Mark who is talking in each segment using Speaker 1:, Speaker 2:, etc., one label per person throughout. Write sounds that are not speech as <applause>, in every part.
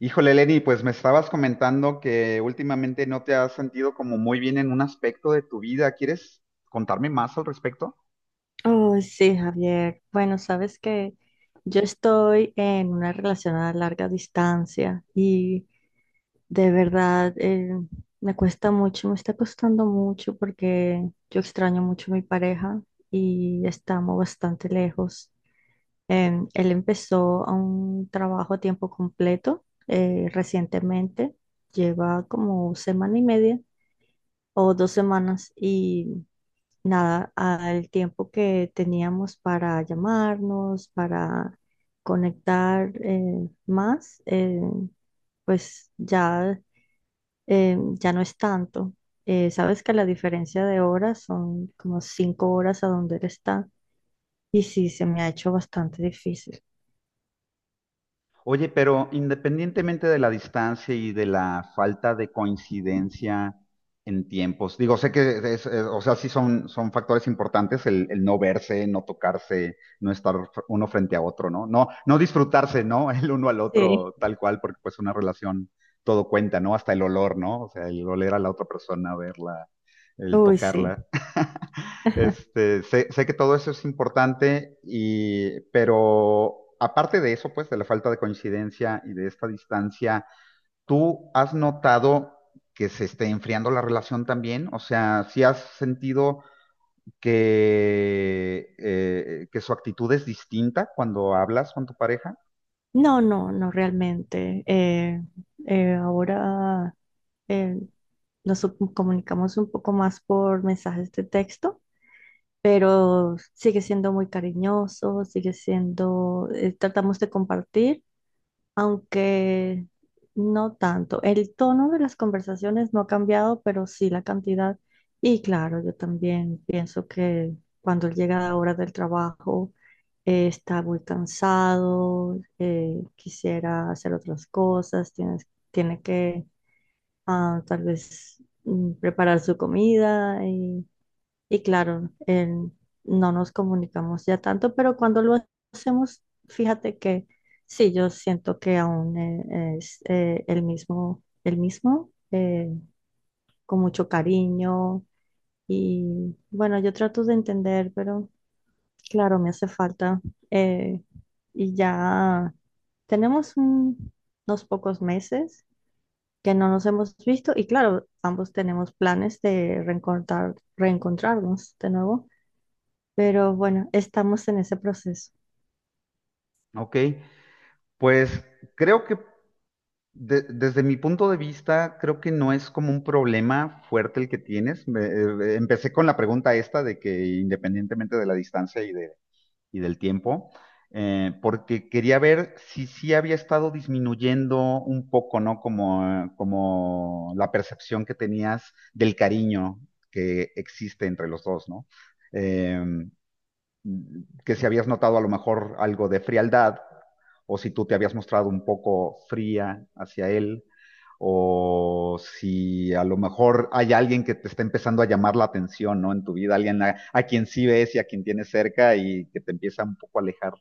Speaker 1: Híjole, Lenny, pues me estabas comentando que últimamente no te has sentido como muy bien en un aspecto de tu vida. ¿Quieres contarme más al respecto?
Speaker 2: Oh, sí, Javier. Bueno, sabes que yo estoy en una relación a larga distancia y de verdad me cuesta mucho, me está costando mucho porque yo extraño mucho a mi pareja y estamos bastante lejos. Él empezó a un trabajo a tiempo completo recientemente, lleva como semana y media o 2 semanas y nada, al tiempo que teníamos para llamarnos, para conectar más, pues ya, ya no es tanto. Sabes que la diferencia de horas son como 5 horas a donde él está y sí, se me ha hecho bastante difícil.
Speaker 1: Oye, pero independientemente de la distancia y de la falta de coincidencia en tiempos, digo, sé que o sea, sí son, son factores importantes el no verse, no tocarse, no estar uno frente a otro, ¿no? No, no disfrutarse, ¿no? <laughs> El uno al
Speaker 2: Sí.
Speaker 1: otro tal cual, porque pues una relación todo cuenta, ¿no? Hasta el olor, ¿no? O sea, el oler a la otra persona, verla el
Speaker 2: Uy, sí.
Speaker 1: tocarla. <laughs>
Speaker 2: <laughs>
Speaker 1: Sé que todo eso es importante, y, pero aparte de eso, pues, de la falta de coincidencia y de esta distancia, ¿tú has notado que se esté enfriando la relación también? O sea, ¿sí has sentido que su actitud es distinta cuando hablas con tu pareja?
Speaker 2: No, no, no realmente. Ahora... eh, nos comunicamos un poco más por mensajes de texto, pero sigue siendo muy cariñoso, sigue siendo, tratamos de compartir, aunque no tanto. El tono de las conversaciones no ha cambiado, pero sí la cantidad. Y claro, yo también pienso que cuando él llega a la hora del trabajo, está muy cansado, quisiera hacer otras cosas, tiene que tal vez preparar su comida y claro, no nos comunicamos ya tanto, pero cuando lo hacemos, fíjate que sí, yo siento que aún es el mismo, con mucho cariño y bueno, yo trato de entender, pero claro, me hace falta eh, y ya tenemos unos pocos meses que no nos hemos visto y claro, ambos tenemos planes de reencontrarnos de nuevo, pero bueno, estamos en ese proceso.
Speaker 1: Ok, pues creo que desde mi punto de vista, creo que no es como un problema fuerte el que tienes. Empecé con la pregunta esta de que independientemente de la distancia y del tiempo, porque quería ver si sí había estado disminuyendo un poco, ¿no? Como la percepción que tenías del cariño que existe entre los dos, ¿no? Em, que si habías notado a lo mejor algo de frialdad o si tú te habías mostrado un poco fría hacia él o si a lo mejor hay alguien que te está empezando a llamar la atención, ¿no? En tu vida, alguien a quien sí ves y a quien tienes cerca y que te empieza un poco a alejar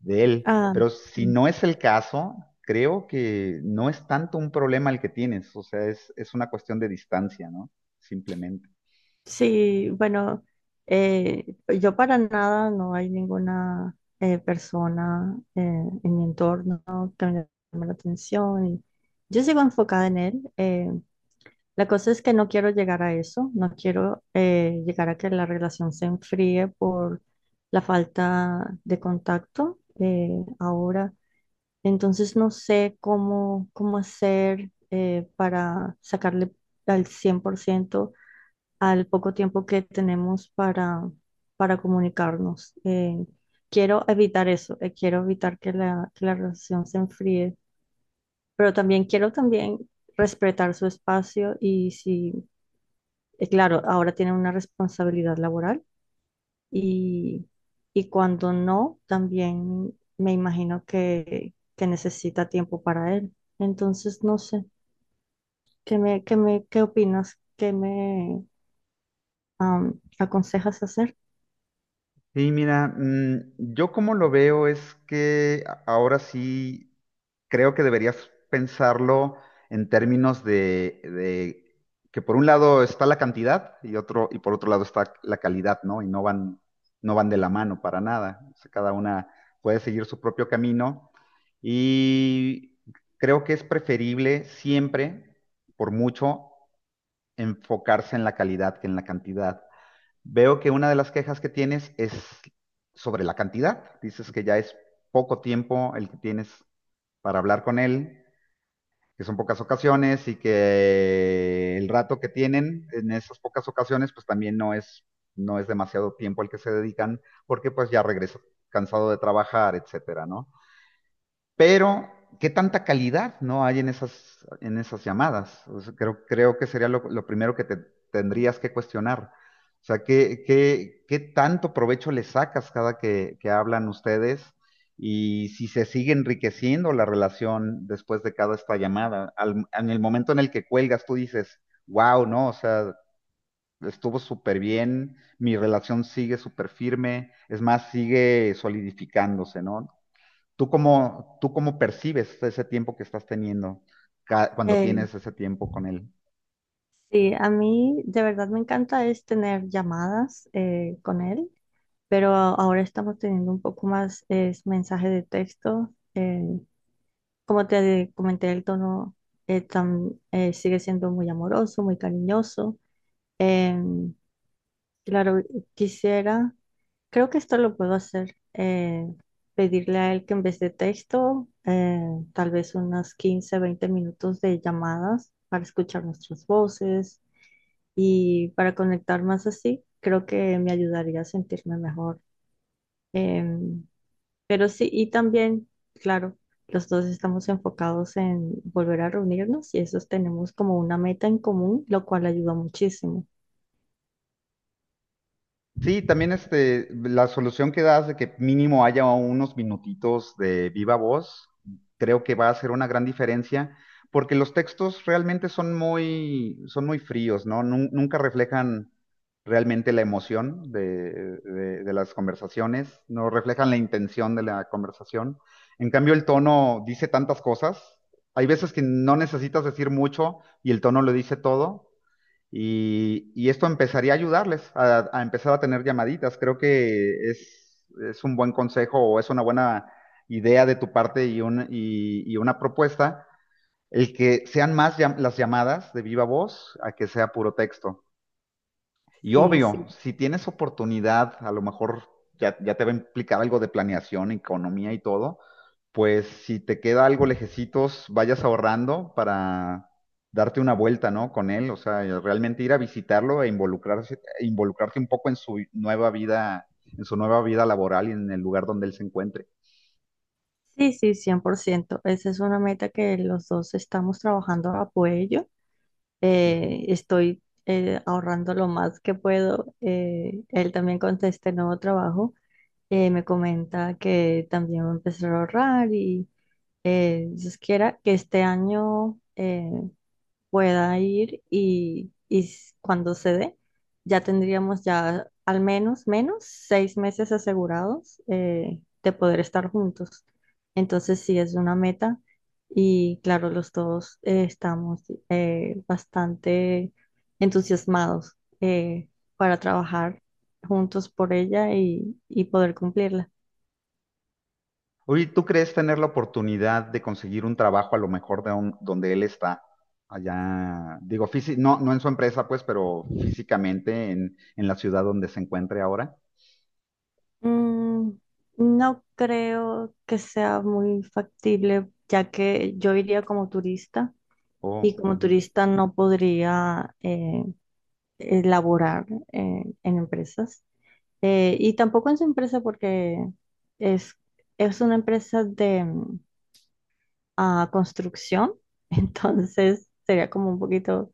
Speaker 1: de él.
Speaker 2: Ah,
Speaker 1: Pero si
Speaker 2: mm,
Speaker 1: no es el caso, creo que no es tanto un problema el que tienes, o sea, es una cuestión de distancia, ¿no? Simplemente.
Speaker 2: sí, bueno, yo para nada, no hay ninguna persona en mi entorno que me llame la atención y yo sigo enfocada en él. La cosa es que no quiero llegar a eso, no quiero llegar a que la relación se enfríe por la falta de contacto ahora. Entonces no sé cómo hacer para sacarle al 100% al poco tiempo que tenemos para comunicarnos. Quiero evitar eso, quiero evitar que la relación se enfríe, pero también quiero también respetar su espacio y si claro, ahora tienen una responsabilidad laboral y, y cuando no, también me imagino que necesita tiempo para él. Entonces, no sé, qué opinas? ¿Qué me aconsejas hacer?
Speaker 1: Sí, mira, yo como lo veo es que ahora sí creo que deberías pensarlo en términos de que por un lado está la cantidad y otro, y por otro lado está la calidad, ¿no? Y no van, no van de la mano para nada. O sea, cada una puede seguir su propio camino. Y creo que es preferible siempre, por mucho, enfocarse en la calidad que en la cantidad. Veo que una de las quejas que tienes es sobre la cantidad. Dices que ya es poco tiempo el que tienes para hablar con él, que son pocas ocasiones y que el rato que tienen en esas pocas ocasiones, pues también no es, no es demasiado tiempo el que se dedican, porque pues ya regresa cansado de trabajar, etcétera, ¿no? Pero, ¿qué tanta calidad no hay en esas llamadas? O sea, creo, creo que sería lo primero que te tendrías que cuestionar. O sea, ¿qué, qué tanto provecho le sacas cada que hablan ustedes? Y si se sigue enriqueciendo la relación después de cada esta llamada. En el momento en el que cuelgas, tú dices, wow, ¿no? O sea, estuvo súper bien, mi relación sigue súper firme, es más, sigue solidificándose, ¿no? Tú cómo percibes ese tiempo que estás teniendo cuando
Speaker 2: Eh,
Speaker 1: tienes ese tiempo con él?
Speaker 2: sí, a mí de verdad me encanta es tener llamadas con él, pero ahora estamos teniendo un poco más es mensaje de texto. Como te comenté, el tono sigue siendo muy amoroso, muy cariñoso. Em, claro, quisiera, creo que esto lo puedo hacer, pedirle a él que en vez de texto, tal vez unas 15 20 minutos de llamadas para escuchar nuestras voces y para conectar más así, creo que me ayudaría a sentirme mejor. em, pero sí, y también, claro, los dos estamos enfocados en volver a reunirnos y esos tenemos como una meta en común, lo cual ayuda muchísimo.
Speaker 1: Sí, también este, la solución que das de que mínimo haya unos minutitos de viva voz, creo que va a hacer una gran diferencia, porque los textos realmente son muy fríos, ¿no? Nunca reflejan realmente la emoción de las conversaciones, no reflejan la intención de la conversación. En cambio, el tono dice tantas cosas. Hay veces que no necesitas decir mucho y el tono lo dice todo. Y esto empezaría a ayudarles a empezar a tener llamaditas. Creo que es un buen consejo o es una buena idea de tu parte y y una propuesta el que sean más las llamadas de viva voz a que sea puro texto. Y
Speaker 2: Sí,
Speaker 1: obvio,
Speaker 2: sí.
Speaker 1: si tienes oportunidad, a lo mejor ya, ya te va a implicar algo de planeación, economía y todo, pues si te queda algo lejecitos, vayas ahorrando para darte una vuelta, ¿no? Con él, o sea, y realmente ir a visitarlo e involucrarse, e involucrarte un poco en su nueva vida, en su nueva vida laboral y en el lugar donde él se encuentre.
Speaker 2: Sí, sí, 100%. Esa es una meta que los dos estamos trabajando a apoyo.
Speaker 1: Ujú.
Speaker 2: Estoy ahorrando lo más que puedo. Él también con este nuevo trabajo. Me comenta que también va a empezar a ahorrar y Dios quiera que este año, pueda ir y, y cuando se dé, ya tendríamos ya al menos 6 meses asegurados de poder estar juntos. Entonces sí es una meta y claro, los dos estamos bastante entusiasmados para trabajar juntos por ella y poder cumplirla.
Speaker 1: Oye, ¿tú crees tener la oportunidad de conseguir un trabajo a lo mejor de donde él está? Allá, digo, no, no en su empresa, pues, pero físicamente en la ciudad donde se encuentre ahora.
Speaker 2: Mm, no creo que sea muy factible, ya que yo iría como turista y
Speaker 1: Oh,
Speaker 2: como
Speaker 1: ujú,
Speaker 2: turista no podría laborar en empresas. Y tampoco en su empresa porque es, es una empresa de construcción, <laughs> entonces sería como un poquito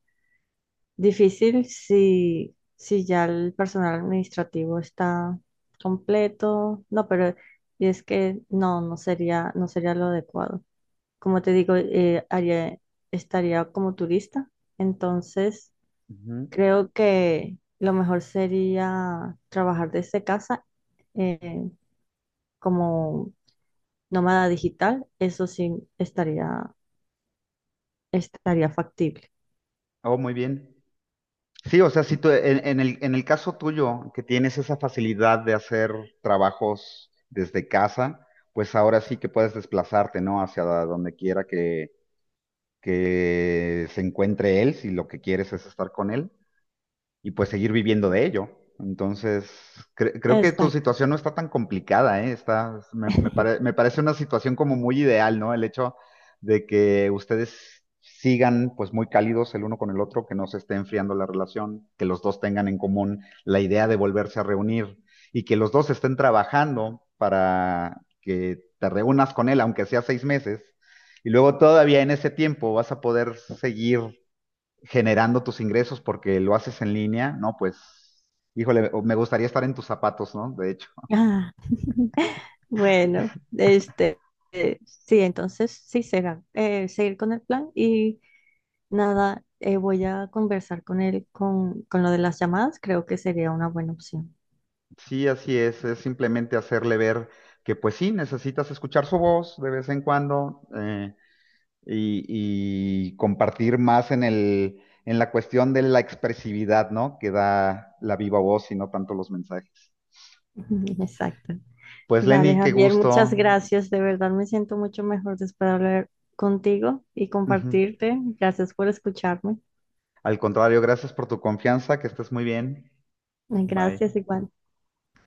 Speaker 2: difícil si ya el personal administrativo está completo. No, pero es que no sería lo adecuado. Como te digo, estaría como turista, entonces
Speaker 1: ujú.
Speaker 2: creo que lo mejor sería trabajar desde casa eh, como nómada digital. Eso sí estaría, estaría factible.
Speaker 1: Oh, muy bien. Sí, o sea, si tú, en el caso tuyo, que tienes esa facilidad de hacer trabajos desde casa, pues ahora sí que puedes desplazarte, ¿no? Hacia donde quiera que se encuentre él, si lo que quieres es estar con él. Y pues seguir viviendo de ello. Entonces, creo que tu
Speaker 2: Exacto.
Speaker 1: situación no está tan complicada, ¿eh? Está, me,
Speaker 2: <laughs>
Speaker 1: me parece una situación como muy ideal, ¿no? El hecho de que ustedes sigan pues muy cálidos el uno con el otro, que no se esté enfriando la relación, que los dos tengan en común la idea de volverse a reunir y que los dos estén trabajando para que te reúnas con él, aunque sea 6 meses, y luego todavía en ese tiempo vas a poder seguir generando tus ingresos porque lo haces en línea, ¿no? Pues, híjole, o me gustaría estar en tus zapatos, ¿no? De hecho,
Speaker 2: Ah, bueno, este, sí, entonces sí será seguir con el plan y nada, voy a conversar con él con lo de las llamadas. Creo que sería una buena opción.
Speaker 1: sí, así es simplemente hacerle ver que pues sí, necesitas escuchar su voz de vez en cuando y compartir más en el, en la cuestión de la expresividad, ¿no? Que da la viva voz y no tanto los mensajes.
Speaker 2: <laughs> Exacto.
Speaker 1: Pues
Speaker 2: Vale,
Speaker 1: Lenny, qué
Speaker 2: Javier, muchas
Speaker 1: gusto.
Speaker 2: gracias. De verdad me siento mucho mejor después de hablar contigo y
Speaker 1: Ujú.
Speaker 2: compartirte. Gracias por escucharme.
Speaker 1: Al contrario, gracias por tu confianza, que estés muy bien. Bye.
Speaker 2: Gracias igual.